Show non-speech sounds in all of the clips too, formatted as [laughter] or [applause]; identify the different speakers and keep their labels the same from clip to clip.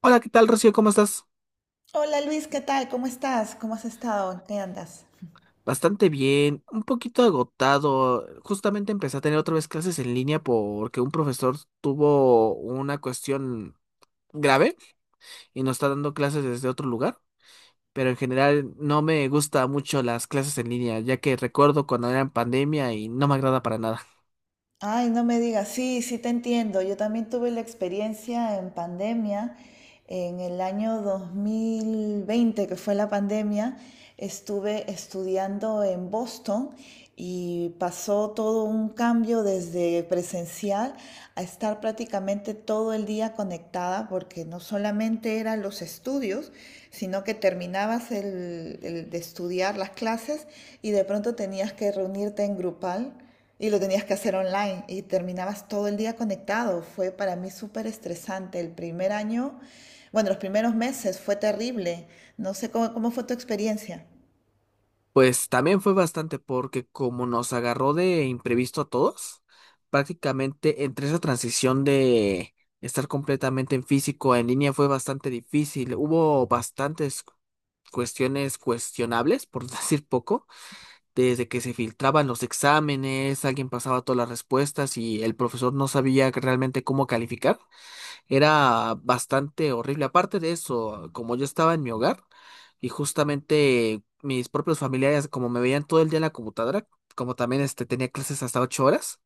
Speaker 1: Hola, ¿qué tal, Rocío? ¿Cómo estás?
Speaker 2: Hola Luis, ¿qué tal? ¿Cómo estás? ¿Cómo has estado? ¿En ¿Qué andas?
Speaker 1: Bastante bien, un poquito agotado. Justamente empecé a tener otra vez clases en línea porque un profesor tuvo una cuestión grave y nos está dando clases desde otro lugar. Pero en general no me gusta mucho las clases en línea, ya que recuerdo cuando era en pandemia y no me agrada para nada.
Speaker 2: Ay, no me digas, sí, te entiendo. Yo también tuve la experiencia en pandemia, en el año 2020, que fue la pandemia, estuve estudiando en Boston y pasó todo un cambio desde presencial a estar prácticamente todo el día conectada, porque no solamente eran los estudios, sino que terminabas el de estudiar las clases y de pronto tenías que reunirte en grupal y lo tenías que hacer online y terminabas todo el día conectado. Fue para mí súper estresante. El primer año, bueno, los primeros meses fue terrible. No sé cómo fue tu experiencia.
Speaker 1: Pues también fue bastante porque como nos agarró de imprevisto a todos, prácticamente entre esa transición de estar completamente en físico a en línea fue bastante difícil. Hubo bastantes cuestiones cuestionables, por [laughs] decir poco, desde que se filtraban los exámenes, alguien pasaba todas las respuestas y el profesor no sabía realmente cómo calificar. Era bastante horrible. Aparte de eso, como yo estaba en mi hogar y justamente mis propios familiares, como me veían todo el día en la computadora, como también este, tenía clases hasta ocho horas,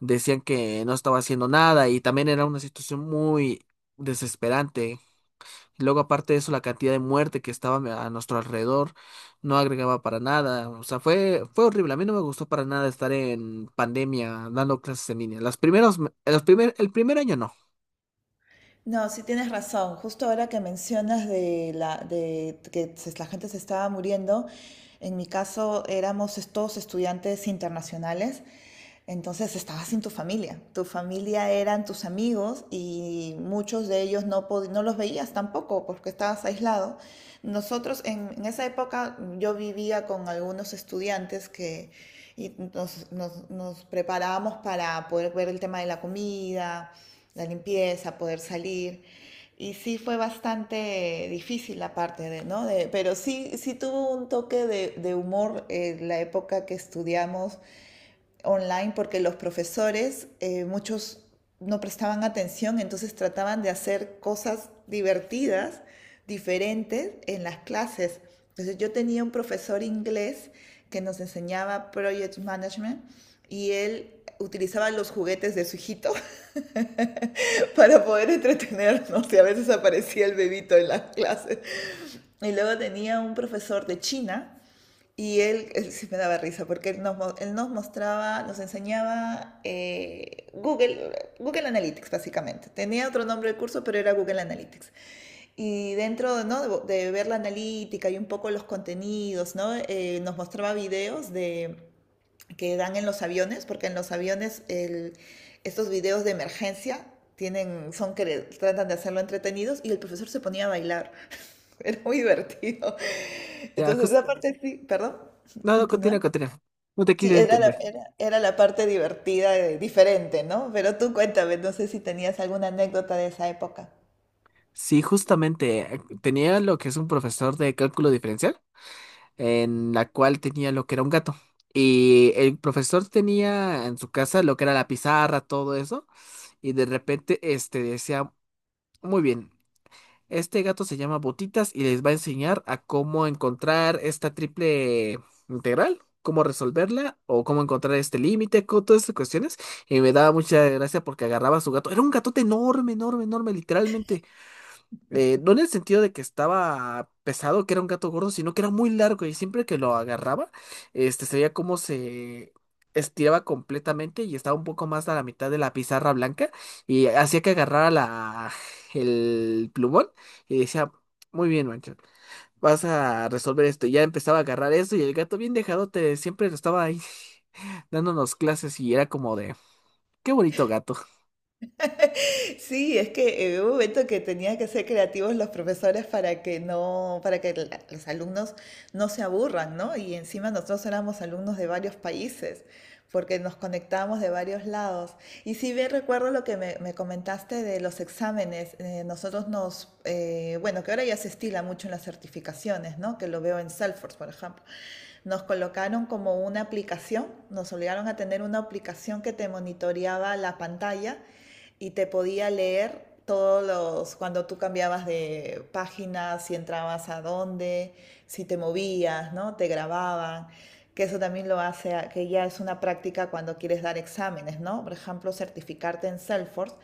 Speaker 1: decían que no estaba haciendo nada y también era una situación muy desesperante. Luego, aparte de eso, la cantidad de muerte que estaba a nuestro alrededor no agregaba para nada. O sea, fue horrible. A mí no me gustó para nada estar en pandemia dando clases en línea. Las primeros, me- los primer, el primer año no.
Speaker 2: No, sí tienes razón. Justo ahora que mencionas de la de que se- la gente se estaba muriendo, en mi caso éramos es- todos estudiantes internacionales, entonces estabas sin tu familia. Tu familia eran tus amigos y muchos de ellos no pod- no los veías tampoco porque estabas aislado. Nosotros en esa época yo vivía con algunos estudiantes que y nos preparábamos para poder ver el tema de la comida, la limpieza, poder salir. Y sí fue bastante difícil la parte de, ¿no? De, pero sí, sí tuvo un toque de humor, la época que estudiamos online, porque los profesores, muchos no prestaban atención, entonces trataban de hacer cosas divertidas, diferentes en las clases. Entonces yo tenía un profesor inglés que nos enseñaba Project Management y él utilizaba los juguetes de su hijito [laughs] para poder entretenernos y a veces aparecía el bebito en las clases. Y luego tenía un profesor de China y él sí me daba risa porque él nos mostraba, nos enseñaba Google, Google Analytics básicamente. Tenía otro nombre del curso, pero era Google Analytics. Y dentro, ¿no?, de ver la analítica y un poco los contenidos, ¿no? Nos mostraba videos de que dan en los aviones, porque en los aviones el- estos videos de emergencia tienen, son que tratan de hacerlo entretenidos y el profesor se ponía a bailar. [laughs] Era muy divertido.
Speaker 1: Ya,
Speaker 2: Entonces,
Speaker 1: jus-
Speaker 2: esa parte sí, perdón,
Speaker 1: No, no,
Speaker 2: continúa.
Speaker 1: continúa, continúa. No te quiero
Speaker 2: Sí, era la,
Speaker 1: interrumpir.
Speaker 2: era, era la parte divertida, diferente, ¿no? Pero tú cuéntame, no sé si tenías alguna anécdota de esa época.
Speaker 1: Sí, justamente tenía lo que es un profesor de cálculo diferencial, en la cual tenía lo que era un gato. Y el profesor tenía en su casa lo que era la pizarra, todo eso, y de repente este decía, muy bien, este gato se llama Botitas y les va a enseñar a cómo encontrar esta triple integral, cómo resolverla o cómo encontrar este límite, todas estas cuestiones. Y me daba mucha gracia porque agarraba a su gato. Era un gatote enorme, enorme, enorme, literalmente. No en el sentido de que estaba pesado, que era un gato gordo, sino que era muy largo y siempre que lo agarraba, este, se veía cómo se estiraba completamente y estaba un poco más a la mitad de la pizarra blanca y hacía que agarrara el plumón y decía, muy bien, Mancho, vas a resolver esto. Y ya empezaba a agarrar eso y el gato bien dejado te siempre lo estaba ahí [laughs] dándonos clases y era como de, qué bonito gato.
Speaker 2: Sí, es que hubo un momento que tenían que ser creativos los profesores para que no, para que la- los alumnos no se aburran, ¿no? Y encima nosotros éramos alumnos de varios países, porque nos conectábamos de varios lados. Y si bien recuerdo lo que me comentaste de los exámenes, nosotros nos, bueno, que ahora ya se estila mucho en las certificaciones, ¿no? Que lo veo en Salesforce, por ejemplo nos colocaron como una aplicación, nos obligaron a tener una aplicación que te monitoreaba la pantalla y te podía leer todos los, cuando tú cambiabas de página, si entrabas a dónde, si te movías, ¿no? Te grababan, que eso también lo hace, que ya es una práctica cuando quieres dar exámenes, ¿no? Por ejemplo, certificarte en Salesforce,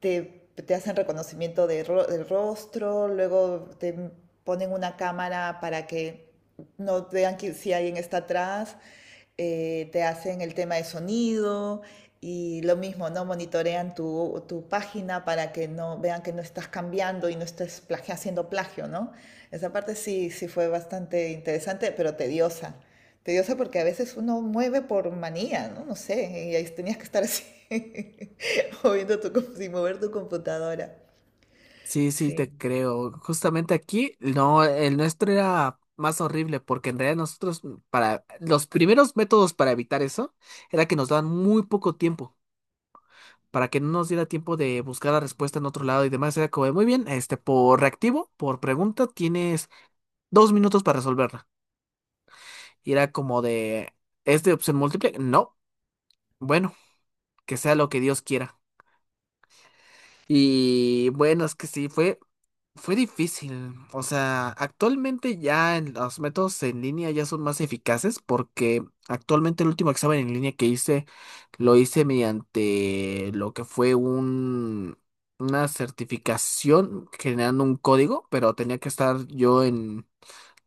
Speaker 2: te hacen reconocimiento de ro- del rostro, luego te ponen una cámara para que no vean que, si alguien está atrás, te hacen el tema de sonido y lo mismo, ¿no? Monitorean tu página para que no vean que no estás cambiando y no estés plagi- haciendo plagio, ¿no? Esa parte sí, sí fue bastante interesante, pero tediosa. Tediosa porque a veces uno mueve por manía, ¿no? No sé, y ahí tenías que estar así, [laughs] moviendo tu, com- sin mover tu computadora.
Speaker 1: Sí, sí,
Speaker 2: Sí,
Speaker 1: te creo. Justamente aquí, no, el nuestro era más horrible porque en realidad nosotros, para los primeros métodos para evitar eso, era que nos daban muy poco tiempo, para que no nos diera tiempo de buscar la respuesta en otro lado y demás. Era como, de, muy bien, este, por reactivo, por pregunta, tienes dos minutos para resolverla. Y era como de, ¿es de opción múltiple? No. Bueno, que sea lo que Dios quiera. Y bueno, es que sí, fue fue difícil. O sea, actualmente ya los métodos en línea ya son más eficaces porque actualmente el último examen en línea que hice lo hice mediante lo que fue una certificación generando un código, pero tenía que estar yo en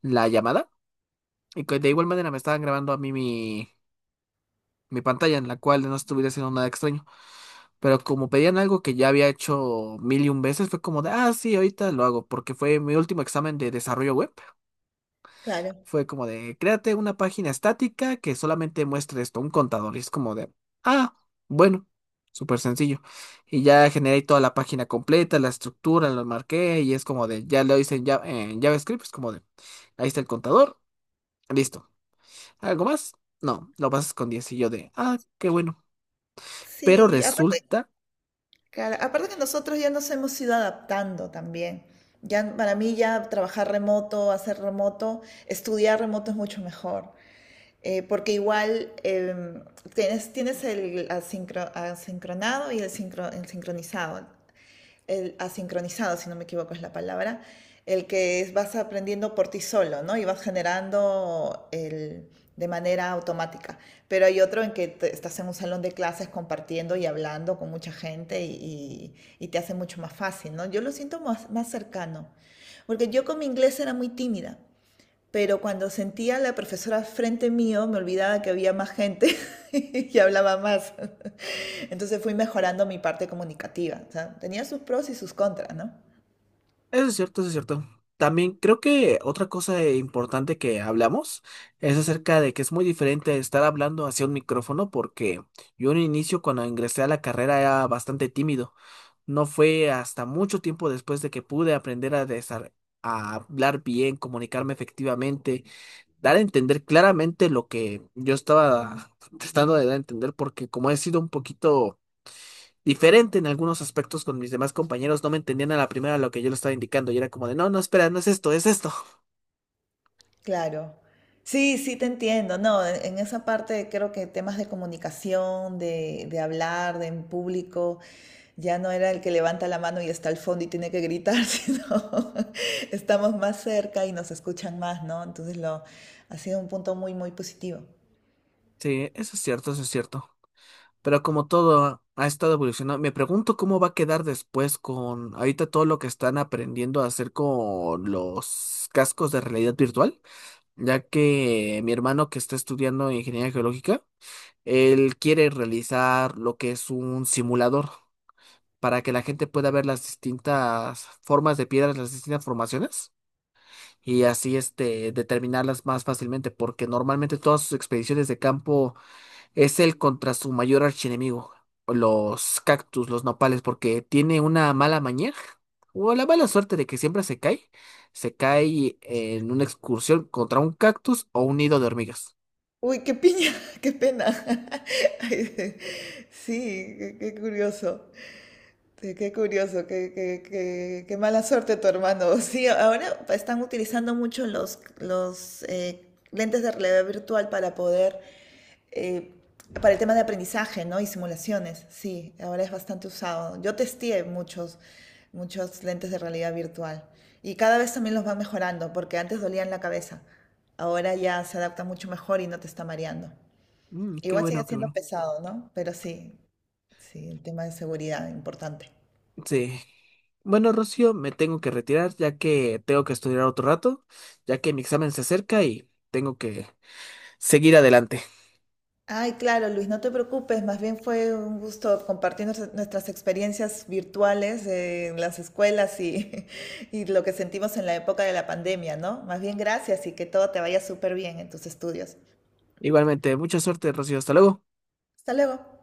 Speaker 1: la llamada y que de igual manera me estaban grabando a mí mi pantalla en la cual no estuviera haciendo nada extraño. Pero como pedían algo que ya había hecho mil y un veces, fue como de, ah, sí, ahorita lo hago, porque fue mi último examen de desarrollo web.
Speaker 2: claro.
Speaker 1: Fue como de, créate una página estática que solamente muestre esto, un contador. Y es como de, ah, bueno, súper sencillo. Y ya generé toda la página completa, la estructura, lo marqué, y es como de, ya lo hice en JavaScript, es como de, ahí está el contador, listo. ¿Algo más? No, lo pasas con 10. Y yo de, ah, qué bueno. Pero
Speaker 2: Sí, aparte,
Speaker 1: resulta
Speaker 2: claro, aparte que nosotros ya nos hemos ido adaptando también. Ya para mí ya trabajar remoto, hacer remoto, estudiar remoto es mucho mejor. Porque igual tienes, tienes el asincro- asincronado y el, sincro- el sincronizado. El asincronizado, si no me equivoco es la palabra, el que es- vas aprendiendo por ti solo, ¿no? Y vas generando el, de manera automática. Pero hay otro en que te- estás en un salón de clases compartiendo y hablando con mucha gente y te hace mucho más fácil, ¿no? Yo lo siento más cercano, porque yo con mi inglés era muy tímida pero cuando sentía a la profesora frente mío, me olvidaba que había más gente [laughs] y hablaba más. Entonces fui mejorando mi parte comunicativa. O sea, tenía sus pros y sus contras, ¿no?
Speaker 1: eso es cierto, eso es cierto. También creo que otra cosa importante que hablamos es acerca de que es muy diferente estar hablando hacia un micrófono porque yo en un inicio cuando ingresé a la carrera era bastante tímido. No fue hasta mucho tiempo después de que pude aprender a, a hablar bien, comunicarme efectivamente, dar a entender claramente lo que yo estaba tratando de dar a entender porque como he sido un poquito diferente en algunos aspectos con mis demás compañeros, no me entendían a la primera lo que yo le estaba indicando y era como de, no, no, espera, no es esto, es esto.
Speaker 2: Claro. Sí, sí, te entiendo. No, en esa parte creo que temas de comunicación, de hablar, de en público, ya no era el que levanta la mano y está al fondo y tiene que gritar, [laughs] sino estamos más cerca y nos escuchan más, ¿no? Entonces lo, ha sido un punto muy, muy positivo.
Speaker 1: Sí, eso es cierto, eso es cierto. Pero como todo ha estado evolucionando, me pregunto cómo va a quedar después con ahorita todo lo que están aprendiendo a hacer con los cascos de realidad virtual, ya que mi hermano que está estudiando ingeniería geológica, él quiere realizar lo que es un simulador para que la gente pueda ver las distintas formas de piedras, las distintas formaciones. Y así este, determinarlas más fácilmente, porque normalmente todas sus expediciones de campo es él contra su mayor archienemigo, los cactus, los nopales, porque tiene una mala maña o la mala suerte de que siempre se cae en una excursión contra un cactus o un nido de hormigas.
Speaker 2: Uy, qué piña, [laughs] qué pena. [laughs] Ay, sí, qué curioso. Sí, qué curioso, qué mala suerte tu hermano. [laughs] Sí, ahora están utilizando mucho los lentes de realidad virtual para poder, eh, para el tema de aprendizaje, ¿no? Y simulaciones, sí, ahora es bastante usado. Yo testé muchos, muchos lentes de realidad virtual y cada vez también los van mejorando porque antes dolían la cabeza. Ahora ya se adapta mucho mejor y no te está mareando.
Speaker 1: Mm, qué
Speaker 2: Igual sigue
Speaker 1: bueno, qué
Speaker 2: siendo
Speaker 1: bueno.
Speaker 2: pesado, ¿no? Pero sí, sí, el tema de seguridad importante.
Speaker 1: Sí. Bueno, Rocío, me tengo que retirar ya que tengo que estudiar otro rato, ya que mi examen se acerca y tengo que seguir adelante.
Speaker 2: Ay, claro, Luis, no te preocupes, más bien fue un gusto compartir nuestra- nuestras experiencias virtuales en las escuelas y, [laughs] y lo que sentimos en la época de la pandemia, ¿no? Más bien gracias y que todo te vaya súper bien en tus estudios.
Speaker 1: Igualmente, mucha suerte, Rocío. Hasta luego.
Speaker 2: Hasta luego.